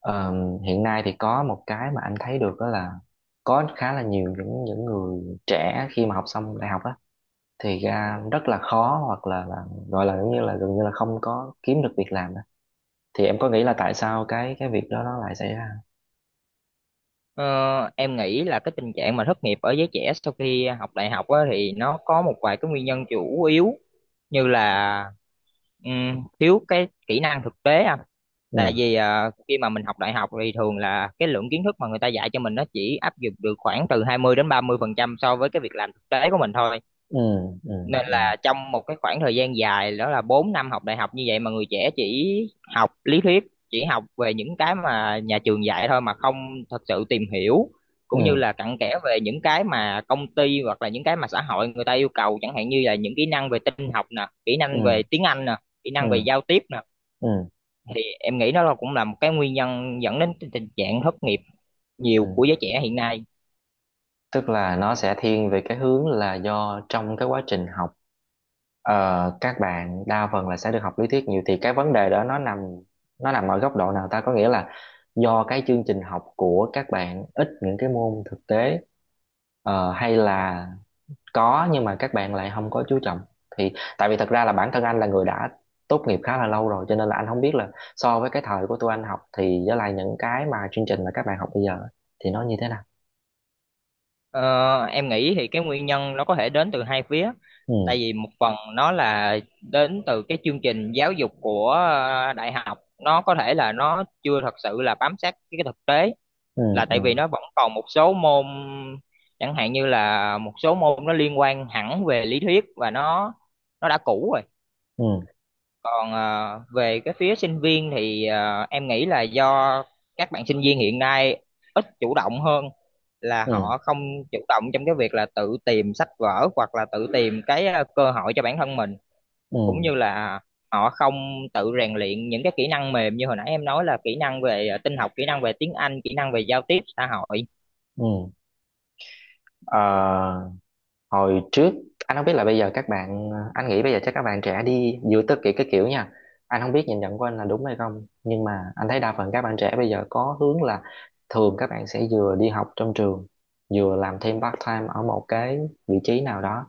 Ờ, hiện nay thì có một cái mà anh thấy được đó là có khá là nhiều những người trẻ khi mà học xong đại học á thì ra rất là khó hoặc là gọi là giống như là gần như là không có kiếm được việc làm đó. Thì em có nghĩ là tại sao cái việc đó nó lại xảy ra? Ờ, em nghĩ là cái tình trạng mà thất nghiệp ở giới trẻ sau khi học đại học á, thì nó có một vài cái nguyên nhân chủ yếu như là thiếu cái kỹ năng thực tế à. Tại Ừ. vì khi mà mình học đại học thì thường là cái lượng kiến thức mà người ta dạy cho mình nó chỉ áp dụng được khoảng từ 20 đến 30% so với cái việc làm thực tế của mình thôi, Ừ. Ừ. nên Ừ. là trong một cái khoảng thời gian dài đó là 4 năm học đại học như vậy mà người trẻ chỉ học lý thuyết, chỉ học về những cái mà nhà trường dạy thôi mà không thật sự tìm hiểu cũng như Ừ. là cặn kẽ về những cái mà công ty hoặc là những cái mà xã hội người ta yêu cầu, chẳng hạn như là những kỹ năng về tin học nè, kỹ năng Ừ. về tiếng Anh nè, kỹ năng về Ừ. giao tiếp nè, Ừ. thì em nghĩ nó là cũng là một cái nguyên nhân dẫn đến tình trạng thất nghiệp nhiều Ừ. của giới trẻ hiện nay. Tức là nó sẽ thiên về cái hướng là do trong cái quá trình học, ờ, các bạn đa phần là sẽ được học lý thuyết nhiều. Thì cái vấn đề đó nó nằm ở góc độ nào ta, có nghĩa là do cái chương trình học của các bạn ít những cái môn thực tế, hay là có nhưng mà các bạn lại không có chú trọng? Thì tại vì thật ra là bản thân anh là người đã tốt nghiệp khá là lâu rồi, cho nên là anh không biết là so với cái thời của tụi anh học thì với lại những cái mà chương trình mà các bạn học bây giờ thì nó như thế nào. Ờ, em nghĩ thì cái nguyên nhân nó có thể đến từ hai phía. Ừ. Tại vì một phần nó là đến từ cái chương trình giáo dục của đại học, nó có thể là nó chưa thật sự là bám sát cái thực tế, Ừ. là tại vì Ừ. nó vẫn còn một số môn, chẳng hạn như là một số môn nó liên quan hẳn về lý thuyết và nó đã cũ rồi. Ừ. Còn về cái phía sinh viên thì em nghĩ là do các bạn sinh viên hiện nay ít chủ động hơn, là Ừ. họ không chủ động trong cái việc là tự tìm sách vở hoặc là tự tìm cái cơ hội cho bản thân mình, Ừ. cũng như là họ không tự rèn luyện những cái kỹ năng mềm như hồi nãy em nói là kỹ năng về tin học, kỹ năng về tiếng Anh, kỹ năng về giao tiếp xã hội. Ừ. Ờ, Hồi trước anh không biết là bây giờ các bạn, anh nghĩ bây giờ chắc các bạn trẻ đi giữa tất kỷ cái kiểu nha. Anh không biết nhìn nhận của anh là đúng hay không, nhưng mà anh thấy đa phần các bạn trẻ bây giờ có hướng là thường các bạn sẽ vừa đi học trong trường, vừa làm thêm part time ở một cái vị trí nào đó.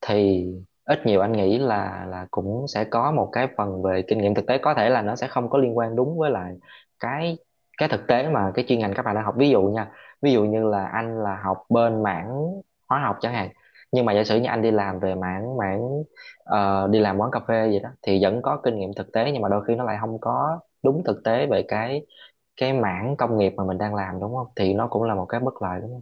Thì ít nhiều anh nghĩ là cũng sẽ có một cái phần về kinh nghiệm thực tế, có thể là nó sẽ không có liên quan đúng với lại cái cái thực tế mà cái chuyên ngành các bạn đang học. Ví dụ nha, ví dụ như là anh là học bên mảng hóa học chẳng hạn, nhưng mà giả sử như anh đi làm về mảng mảng đi làm quán cà phê gì đó, thì vẫn có kinh nghiệm thực tế nhưng mà đôi khi nó lại không có đúng thực tế về cái mảng công nghiệp mà mình đang làm, đúng không? Thì nó cũng là một cái bất lợi, đúng không?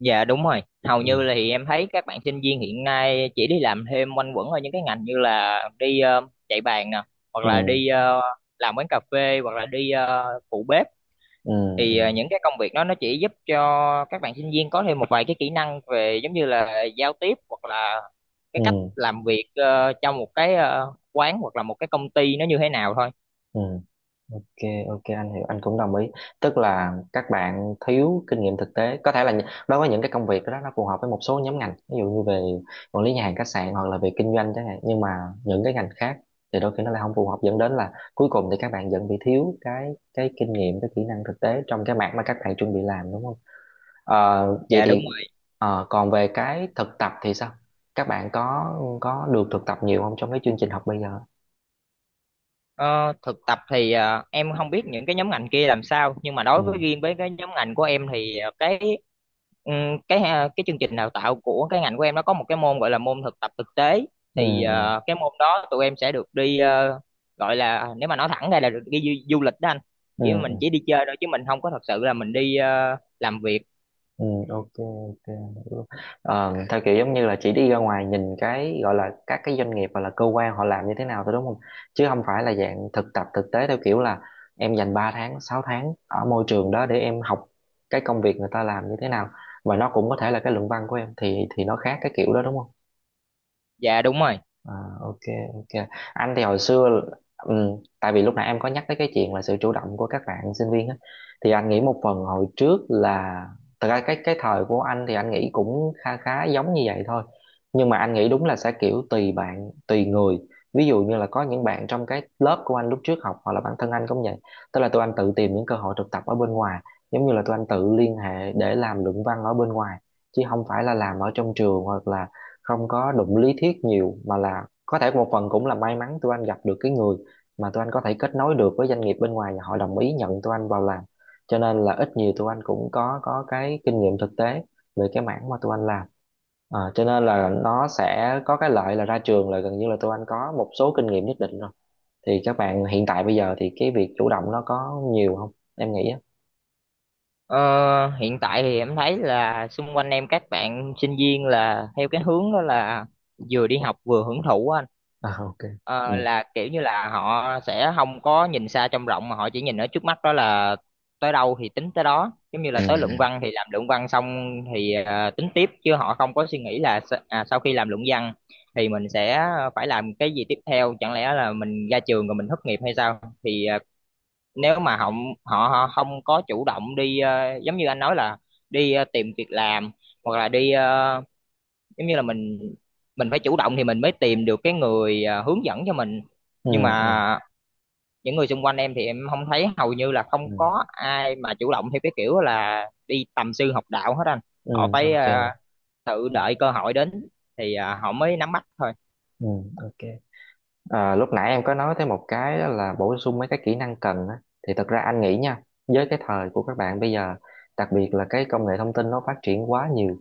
Dạ đúng rồi, hầu Ừ. như là thì em thấy các bạn sinh viên hiện nay chỉ đi làm thêm quanh quẩn ở những cái ngành như là đi chạy bàn nè, hoặc Ừ. là đi làm quán cà phê, hoặc là đi phụ bếp. Ừ. Ừ. Thì những cái công việc đó nó chỉ giúp cho các bạn sinh viên có thêm một vài cái kỹ năng về giống như là giao tiếp hoặc là cái cách Ừ, làm việc trong một cái quán hoặc là một cái công ty nó như thế nào thôi. ừ. Ok, ok, anh hiểu, anh cũng đồng ý. Tức là các bạn thiếu kinh nghiệm thực tế. Có thể là đối với những cái công việc đó nó phù hợp với một số nhóm ngành, ví dụ như về quản lý nhà hàng khách sạn hoặc là về kinh doanh chẳng hạn, nhưng mà những cái ngành khác thì đôi khi nó lại không phù hợp, dẫn đến là cuối cùng thì các bạn vẫn bị thiếu cái kinh nghiệm, cái kỹ năng thực tế trong cái mảng mà các bạn chuẩn bị làm, đúng không? Vậy Dạ đúng thì, rồi. Còn về cái thực tập thì sao? Các bạn có được thực tập nhiều không trong cái chương trình học bây giờ? Ờ, Thực tập thì em không biết những cái nhóm ngành kia làm sao, nhưng mà đối với Ừ. riêng với cái nhóm ngành của em thì ờ, cái Ừ, cái ha- cái chương trình đào tạo của cái ngành của em nó có một cái môn gọi là môn thực tập thực tế. Ừ. Thì Ừ. Cái môn đó tụi em sẽ được đi gọi là nếu mà nói thẳng ra là được đi du lịch đó anh, Ừ. chỉ mình Ừ. chỉ đi chơi thôi chứ mình không có thật sự là mình đi làm việc. Ừ, ok, ok, hiểu. Theo kiểu giống như là chỉ đi ra ngoài nhìn cái, gọi là các cái doanh nghiệp hoặc là cơ quan họ làm như thế nào thôi, đúng không? Chứ không phải là dạng thực tập thực tế theo kiểu là em dành 3 tháng 6 tháng ở môi trường đó để em học cái công việc người ta làm như thế nào, và nó cũng có thể là cái luận văn của em. Thì nó khác cái kiểu đó đúng không? Dạ đúng rồi. À, ok, ok. Anh thì hồi xưa, tại vì lúc nãy em có nhắc tới cái chuyện là sự chủ động của các bạn sinh viên á, thì anh nghĩ một phần hồi trước là, thật ra cái thời của anh thì anh nghĩ cũng khá khá giống như vậy thôi. Nhưng mà anh nghĩ đúng là sẽ kiểu tùy bạn tùy người. Ví dụ như là có những bạn trong cái lớp của anh lúc trước học, hoặc là bản thân anh cũng vậy, tức là tụi anh tự tìm những cơ hội thực tập ở bên ngoài. Giống như là tụi anh tự liên hệ để làm luận văn ở bên ngoài chứ không phải là làm ở trong trường, hoặc là không có đụng lý thuyết nhiều, mà là có thể một phần cũng là may mắn tụi anh gặp được cái người mà tụi anh có thể kết nối được với doanh nghiệp bên ngoài và họ đồng ý nhận tụi anh vào làm. Cho nên là ít nhiều tụi anh cũng có cái kinh nghiệm thực tế về cái mảng mà tụi anh làm. Cho nên là nó sẽ có cái lợi là ra trường là gần như là tụi anh có một số kinh nghiệm nhất định rồi. Thì các bạn hiện tại bây giờ thì cái việc chủ động nó có nhiều không em nghĩ á? Ờ, Hiện tại thì em thấy là xung quanh em các bạn sinh viên là theo cái hướng đó là vừa đi học vừa hưởng thụ á anh. À, ok. Ừ. Ờ, là kiểu như là họ sẽ không có nhìn xa trông rộng mà họ chỉ nhìn ở trước mắt, đó là tới đâu thì tính tới đó, giống như là Ừ. tới luận văn thì làm luận văn xong thì tính tiếp, chứ họ không có suy nghĩ là sau khi làm luận văn thì mình sẽ phải làm cái gì tiếp theo, chẳng lẽ là mình ra trường rồi mình thất nghiệp hay sao. Thì nếu mà họ, họ họ không có chủ động đi giống như anh nói là đi tìm việc làm, hoặc là đi giống như là mình phải chủ động thì mình mới tìm được cái người hướng dẫn cho mình. Ừ. Nhưng Ừ. mà những người xung quanh em thì em không thấy, hầu như là Ừ. không có ai mà chủ động theo cái kiểu là đi tầm sư học đạo hết anh. Họ Ừ. phải Ok. Tự đợi cơ hội đến thì họ mới nắm bắt thôi. Ừ, ok. À, lúc nãy em có nói tới một cái đó là bổ sung mấy cái kỹ năng cần á. Thì thật ra anh nghĩ nha, với cái thời của các bạn bây giờ, đặc biệt là cái công nghệ thông tin nó phát triển quá nhiều.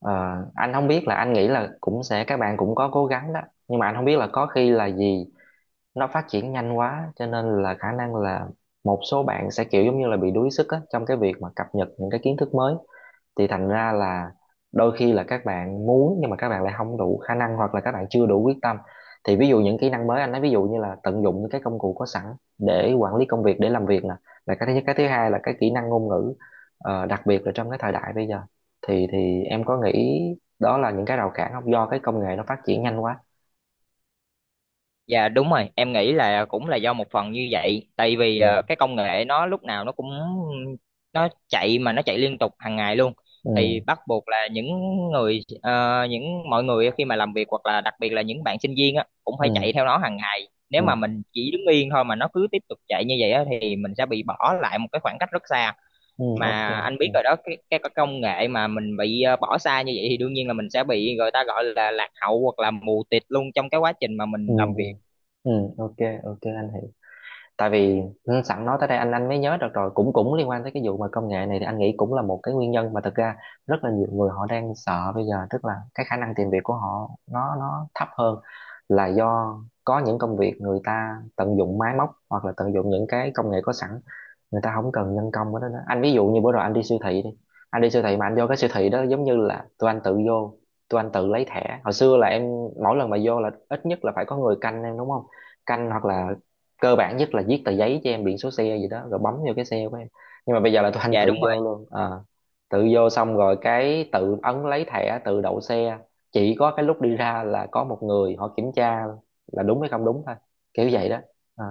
Ờ, anh không biết là, anh nghĩ là cũng sẽ các bạn cũng có cố gắng đó, nhưng mà anh không biết là có khi là gì nó phát triển nhanh quá, cho nên là khả năng là một số bạn sẽ kiểu giống như là bị đuối sức á, trong cái việc mà cập nhật những cái kiến thức mới. Thì thành ra là đôi khi là các bạn muốn nhưng mà các bạn lại không đủ khả năng, hoặc là các bạn chưa đủ quyết tâm. Thì ví dụ những kỹ năng mới anh nói, ví dụ như là tận dụng những cái công cụ có sẵn để quản lý công việc, để làm việc nè, là cái thứ nhất. Cái thứ hai là cái kỹ năng ngôn ngữ, đặc biệt là trong cái thời đại bây giờ. Thì em có nghĩ đó là những cái rào cản không, do cái công nghệ nó phát triển nhanh quá? Dạ đúng rồi, em nghĩ là cũng là do một phần như vậy, tại vì Ừ. Cái công nghệ nó lúc nào nó cũng nó chạy, mà nó chạy liên tục hàng ngày luôn, Ừ. thì bắt buộc là những người ờ, những mọi người khi mà làm việc hoặc là đặc biệt là những bạn sinh viên á cũng phải Ừ. chạy theo nó hàng ngày. Nếu Ừ, mà mình chỉ đứng yên thôi mà nó cứ tiếp tục chạy như vậy á thì mình sẽ bị bỏ lại một cái khoảng cách rất xa. ừ, ok. Mà anh biết Ừ. rồi đó, cái công nghệ mà mình bị bỏ xa như vậy thì đương nhiên là mình sẽ bị người ta gọi là lạc hậu hoặc là mù tịt luôn trong cái quá trình mà Ừ. mình làm Ừ, việc. ừ, ok, ok, anh hiểu. Tại vì, sẵn nói tới đây anh mới nhớ được rồi, cũng cũng liên quan tới cái vụ mà công nghệ này, thì anh nghĩ cũng là một cái nguyên nhân mà thực ra rất là nhiều người họ đang sợ bây giờ. Tức là cái khả năng tìm việc của họ nó thấp hơn là do có những công việc người ta tận dụng máy móc hoặc là tận dụng những cái công nghệ có sẵn, người ta không cần nhân công ở đó nữa. Anh ví dụ như bữa rồi anh đi siêu thị đi, anh đi siêu thị mà anh vô cái siêu thị đó, giống như là tụi anh tự vô, tụi anh tự lấy thẻ. Hồi xưa là em, mỗi lần mà vô là ít nhất là phải có người canh em, đúng không? Canh, hoặc là cơ bản nhất là viết tờ giấy cho em biển số xe gì đó rồi bấm vô cái xe của em. Nhưng mà bây giờ là tụi anh Dạ tự đúng rồi. vô luôn à, tự vô xong rồi cái tự ấn lấy thẻ, tự đậu xe. Chỉ có cái lúc đi ra là có một người họ kiểm tra là đúng hay không đúng thôi, kiểu vậy đó à.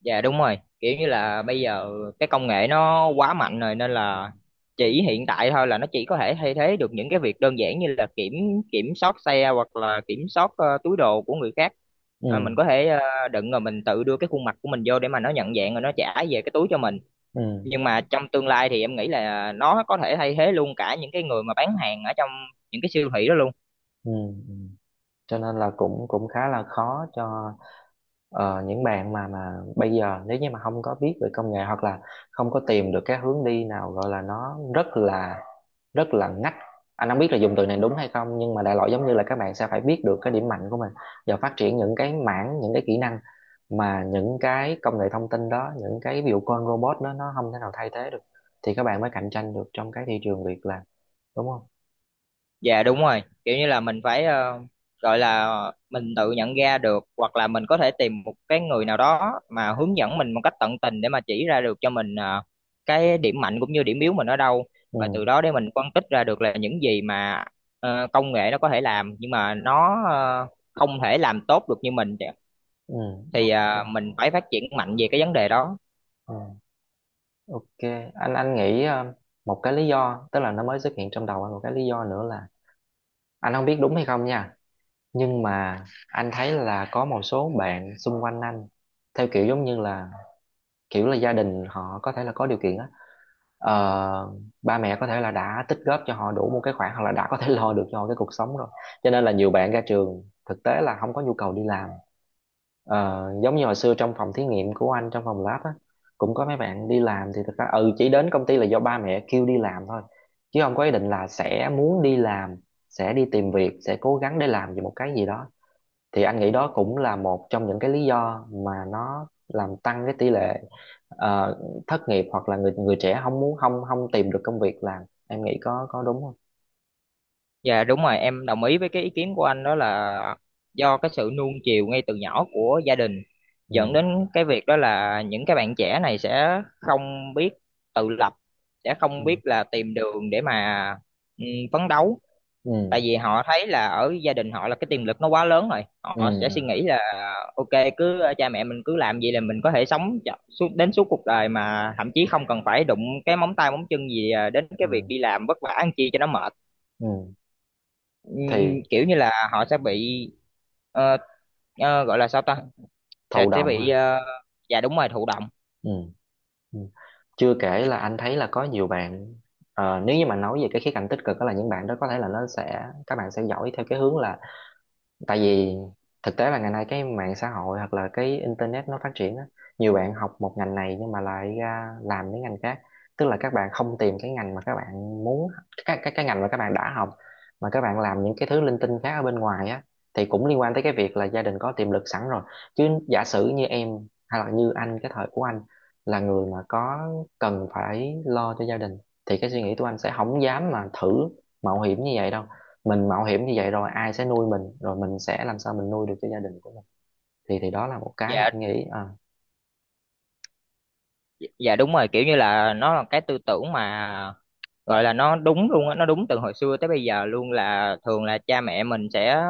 Dạ đúng rồi, kiểu như là bây giờ cái công nghệ nó quá mạnh rồi nên là Ừ. chỉ hiện tại thôi là nó chỉ có thể thay thế được những cái việc đơn giản như là kiểm kiểm soát xe hoặc là kiểm soát túi đồ của người khác. Mình Ừ. có thể đựng rồi mình tự đưa cái khuôn mặt của mình vô để mà nó nhận dạng rồi nó trả về cái túi cho mình, Ừ. nhưng mà trong tương lai thì em nghĩ là nó có thể thay thế luôn cả những cái người mà bán hàng ở trong những cái siêu thị đó luôn. Ừ. Ừ. Cho nên là cũng cũng khá là khó cho những bạn mà bây giờ nếu như mà không có biết về công nghệ, hoặc là không có tìm được cái hướng đi nào, gọi là nó rất là ngách. Anh không biết là dùng từ này đúng hay không, nhưng mà đại loại giống như là các bạn sẽ phải biết được cái điểm mạnh của mình và phát triển những cái mảng, những cái kỹ năng mà những cái công nghệ thông tin đó, những cái ví dụ con robot đó nó không thể nào thay thế được. Thì các bạn mới cạnh tranh được trong cái thị trường việc làm, đúng không? Dạ đúng rồi, kiểu như là mình phải gọi là mình tự nhận ra được hoặc là mình có thể tìm một cái người nào đó mà hướng dẫn mình một cách tận tình để mà chỉ ra được cho mình cái điểm mạnh cũng như điểm yếu mình ở đâu, và từ Ừ. đó để mình phân tích ra được là những gì mà công nghệ nó có thể làm nhưng mà nó không thể làm tốt được như mình, Ừ. thì Ok. Mình phải phát triển mạnh về cái vấn đề đó. Ừ. Ok, anh nghĩ, một cái lý do, tức là nó mới xuất hiện trong đầu anh một cái lý do nữa là, anh không biết đúng hay không nha, nhưng mà anh thấy là có một số bạn xung quanh anh theo kiểu giống như là kiểu là gia đình họ có thể là có điều kiện á. Ờ, Ba mẹ có thể là đã tích góp cho họ đủ một cái khoản hoặc là đã có thể lo được cho họ cái cuộc sống rồi, cho nên là nhiều bạn ra trường thực tế là không có nhu cầu đi làm. Ờ, Giống như hồi xưa trong phòng thí nghiệm của anh, trong phòng lab á, cũng có mấy bạn đi làm, thì thực ra ừ chỉ đến công ty là do ba mẹ kêu đi làm thôi, chứ không có ý định là sẽ muốn đi làm, sẽ đi tìm việc, sẽ cố gắng để làm về một cái gì đó. Thì anh nghĩ đó cũng là một trong những cái lý do mà nó làm tăng cái tỷ lệ ờ, thất nghiệp, hoặc là người người trẻ không muốn, không không tìm được công việc làm. Em nghĩ có đúng không? Dạ đúng rồi, em đồng ý với cái ý kiến của anh, đó là do cái sự nuông chiều ngay từ nhỏ của gia đình Ừ. dẫn đến cái việc đó là những cái bạn trẻ này sẽ không biết tự lập, sẽ không Ừ. biết là tìm đường để mà ừ, phấn đấu. Ừ. Tại vì họ thấy là ở gia đình họ là cái tiềm lực nó quá lớn rồi, Ừ. họ sẽ suy Ừ, nghĩ là ok, cứ cha mẹ mình cứ làm vậy là mình có thể sống suốt đến suốt cuộc đời, mà thậm chí không cần phải đụng cái móng tay móng chân gì đến cái việc ừ. đi làm vất vả ăn chi cho nó mệt. Ừ. Ừm, Thì Kiểu như là họ sẽ bị ờ, gọi là sao ta? sẽ thụ sẽ động bị ha. Dạ đúng rồi, thụ động. Ừ. Ừ. Chưa kể là anh thấy là có nhiều bạn, nếu như mà nói về cái khía cạnh tích cực đó là những bạn đó có thể là nó sẽ, các bạn sẽ giỏi theo cái hướng là, tại vì thực tế là ngày nay cái mạng xã hội hoặc là cái internet nó phát triển á, nhiều bạn học một ngành này nhưng mà lại ra làm những ngành khác. Tức là các bạn không tìm cái ngành mà các bạn muốn, cái ngành mà các bạn đã học, mà các bạn làm những cái thứ linh tinh khác ở bên ngoài á. Thì cũng liên quan tới cái việc là gia đình có tiềm lực sẵn rồi. Chứ giả sử như em, hay là như anh, cái thời của anh là người mà có, cần phải lo cho gia đình, thì cái suy nghĩ của anh sẽ không dám mà thử mạo hiểm như vậy đâu. Mình mạo hiểm như vậy rồi ai sẽ nuôi mình, rồi mình sẽ làm sao mình nuôi được cho gia đình của mình? Thì đó là một cái mà Dạ, anh nghĩ à. dạ đúng rồi, kiểu như là nó là cái tư tưởng mà gọi là nó đúng luôn á, nó đúng từ hồi xưa tới bây giờ luôn, là thường là cha mẹ mình sẽ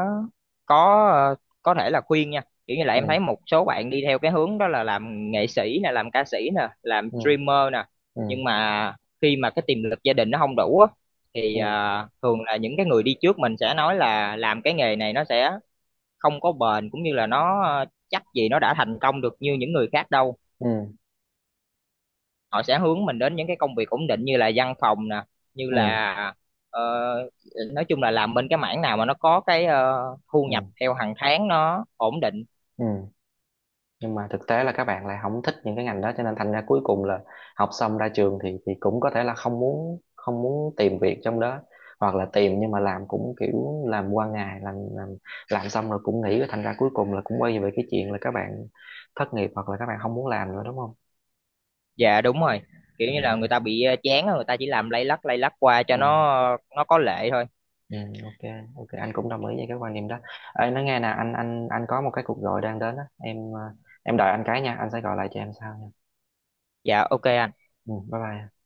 có ờ, có thể là khuyên nha, kiểu như là Ừ. em thấy một số bạn đi theo cái hướng đó là làm nghệ sĩ nè, làm ca sĩ nè, làm Ừ. streamer nè, Ừ. nhưng mà khi mà cái tiềm lực gia đình nó không đủ á thì Ừ. Thường là những cái người đi trước mình sẽ nói là làm cái nghề này nó sẽ không có bền, cũng như là nó chắc gì nó đã thành công được như những người khác đâu. Ừ. Họ sẽ hướng mình đến những cái công việc ổn định như là văn phòng nè, như Ừ. là ờ, nói chung là làm bên cái mảng nào mà nó có cái thu Ừ. nhập theo hàng tháng nó ổn định. Ừ. Nhưng mà thực tế là các bạn lại không thích những cái ngành đó, cho nên thành ra cuối cùng là học xong ra trường thì cũng có thể là không muốn, không muốn tìm việc trong đó, hoặc là tìm nhưng mà làm cũng kiểu làm qua ngày, làm xong rồi cũng nghỉ. Thành ra cuối cùng là cũng quay về cái chuyện là các bạn thất nghiệp hoặc là các bạn không muốn làm nữa, đúng không? Dạ đúng rồi, kiểu như là người Ừ. ta bị chán á, người ta chỉ làm lay lắt qua cho Ừ. Nó có lệ thôi. Ừ, ok, ok, anh cũng đồng ý với cái quan điểm đó. Ê, nói nghe nè, anh có một cái cuộc gọi đang đến á em, em đợi anh cái nha, anh sẽ gọi lại cho em sau nha. Dạ ok anh. Ừ, bye bye.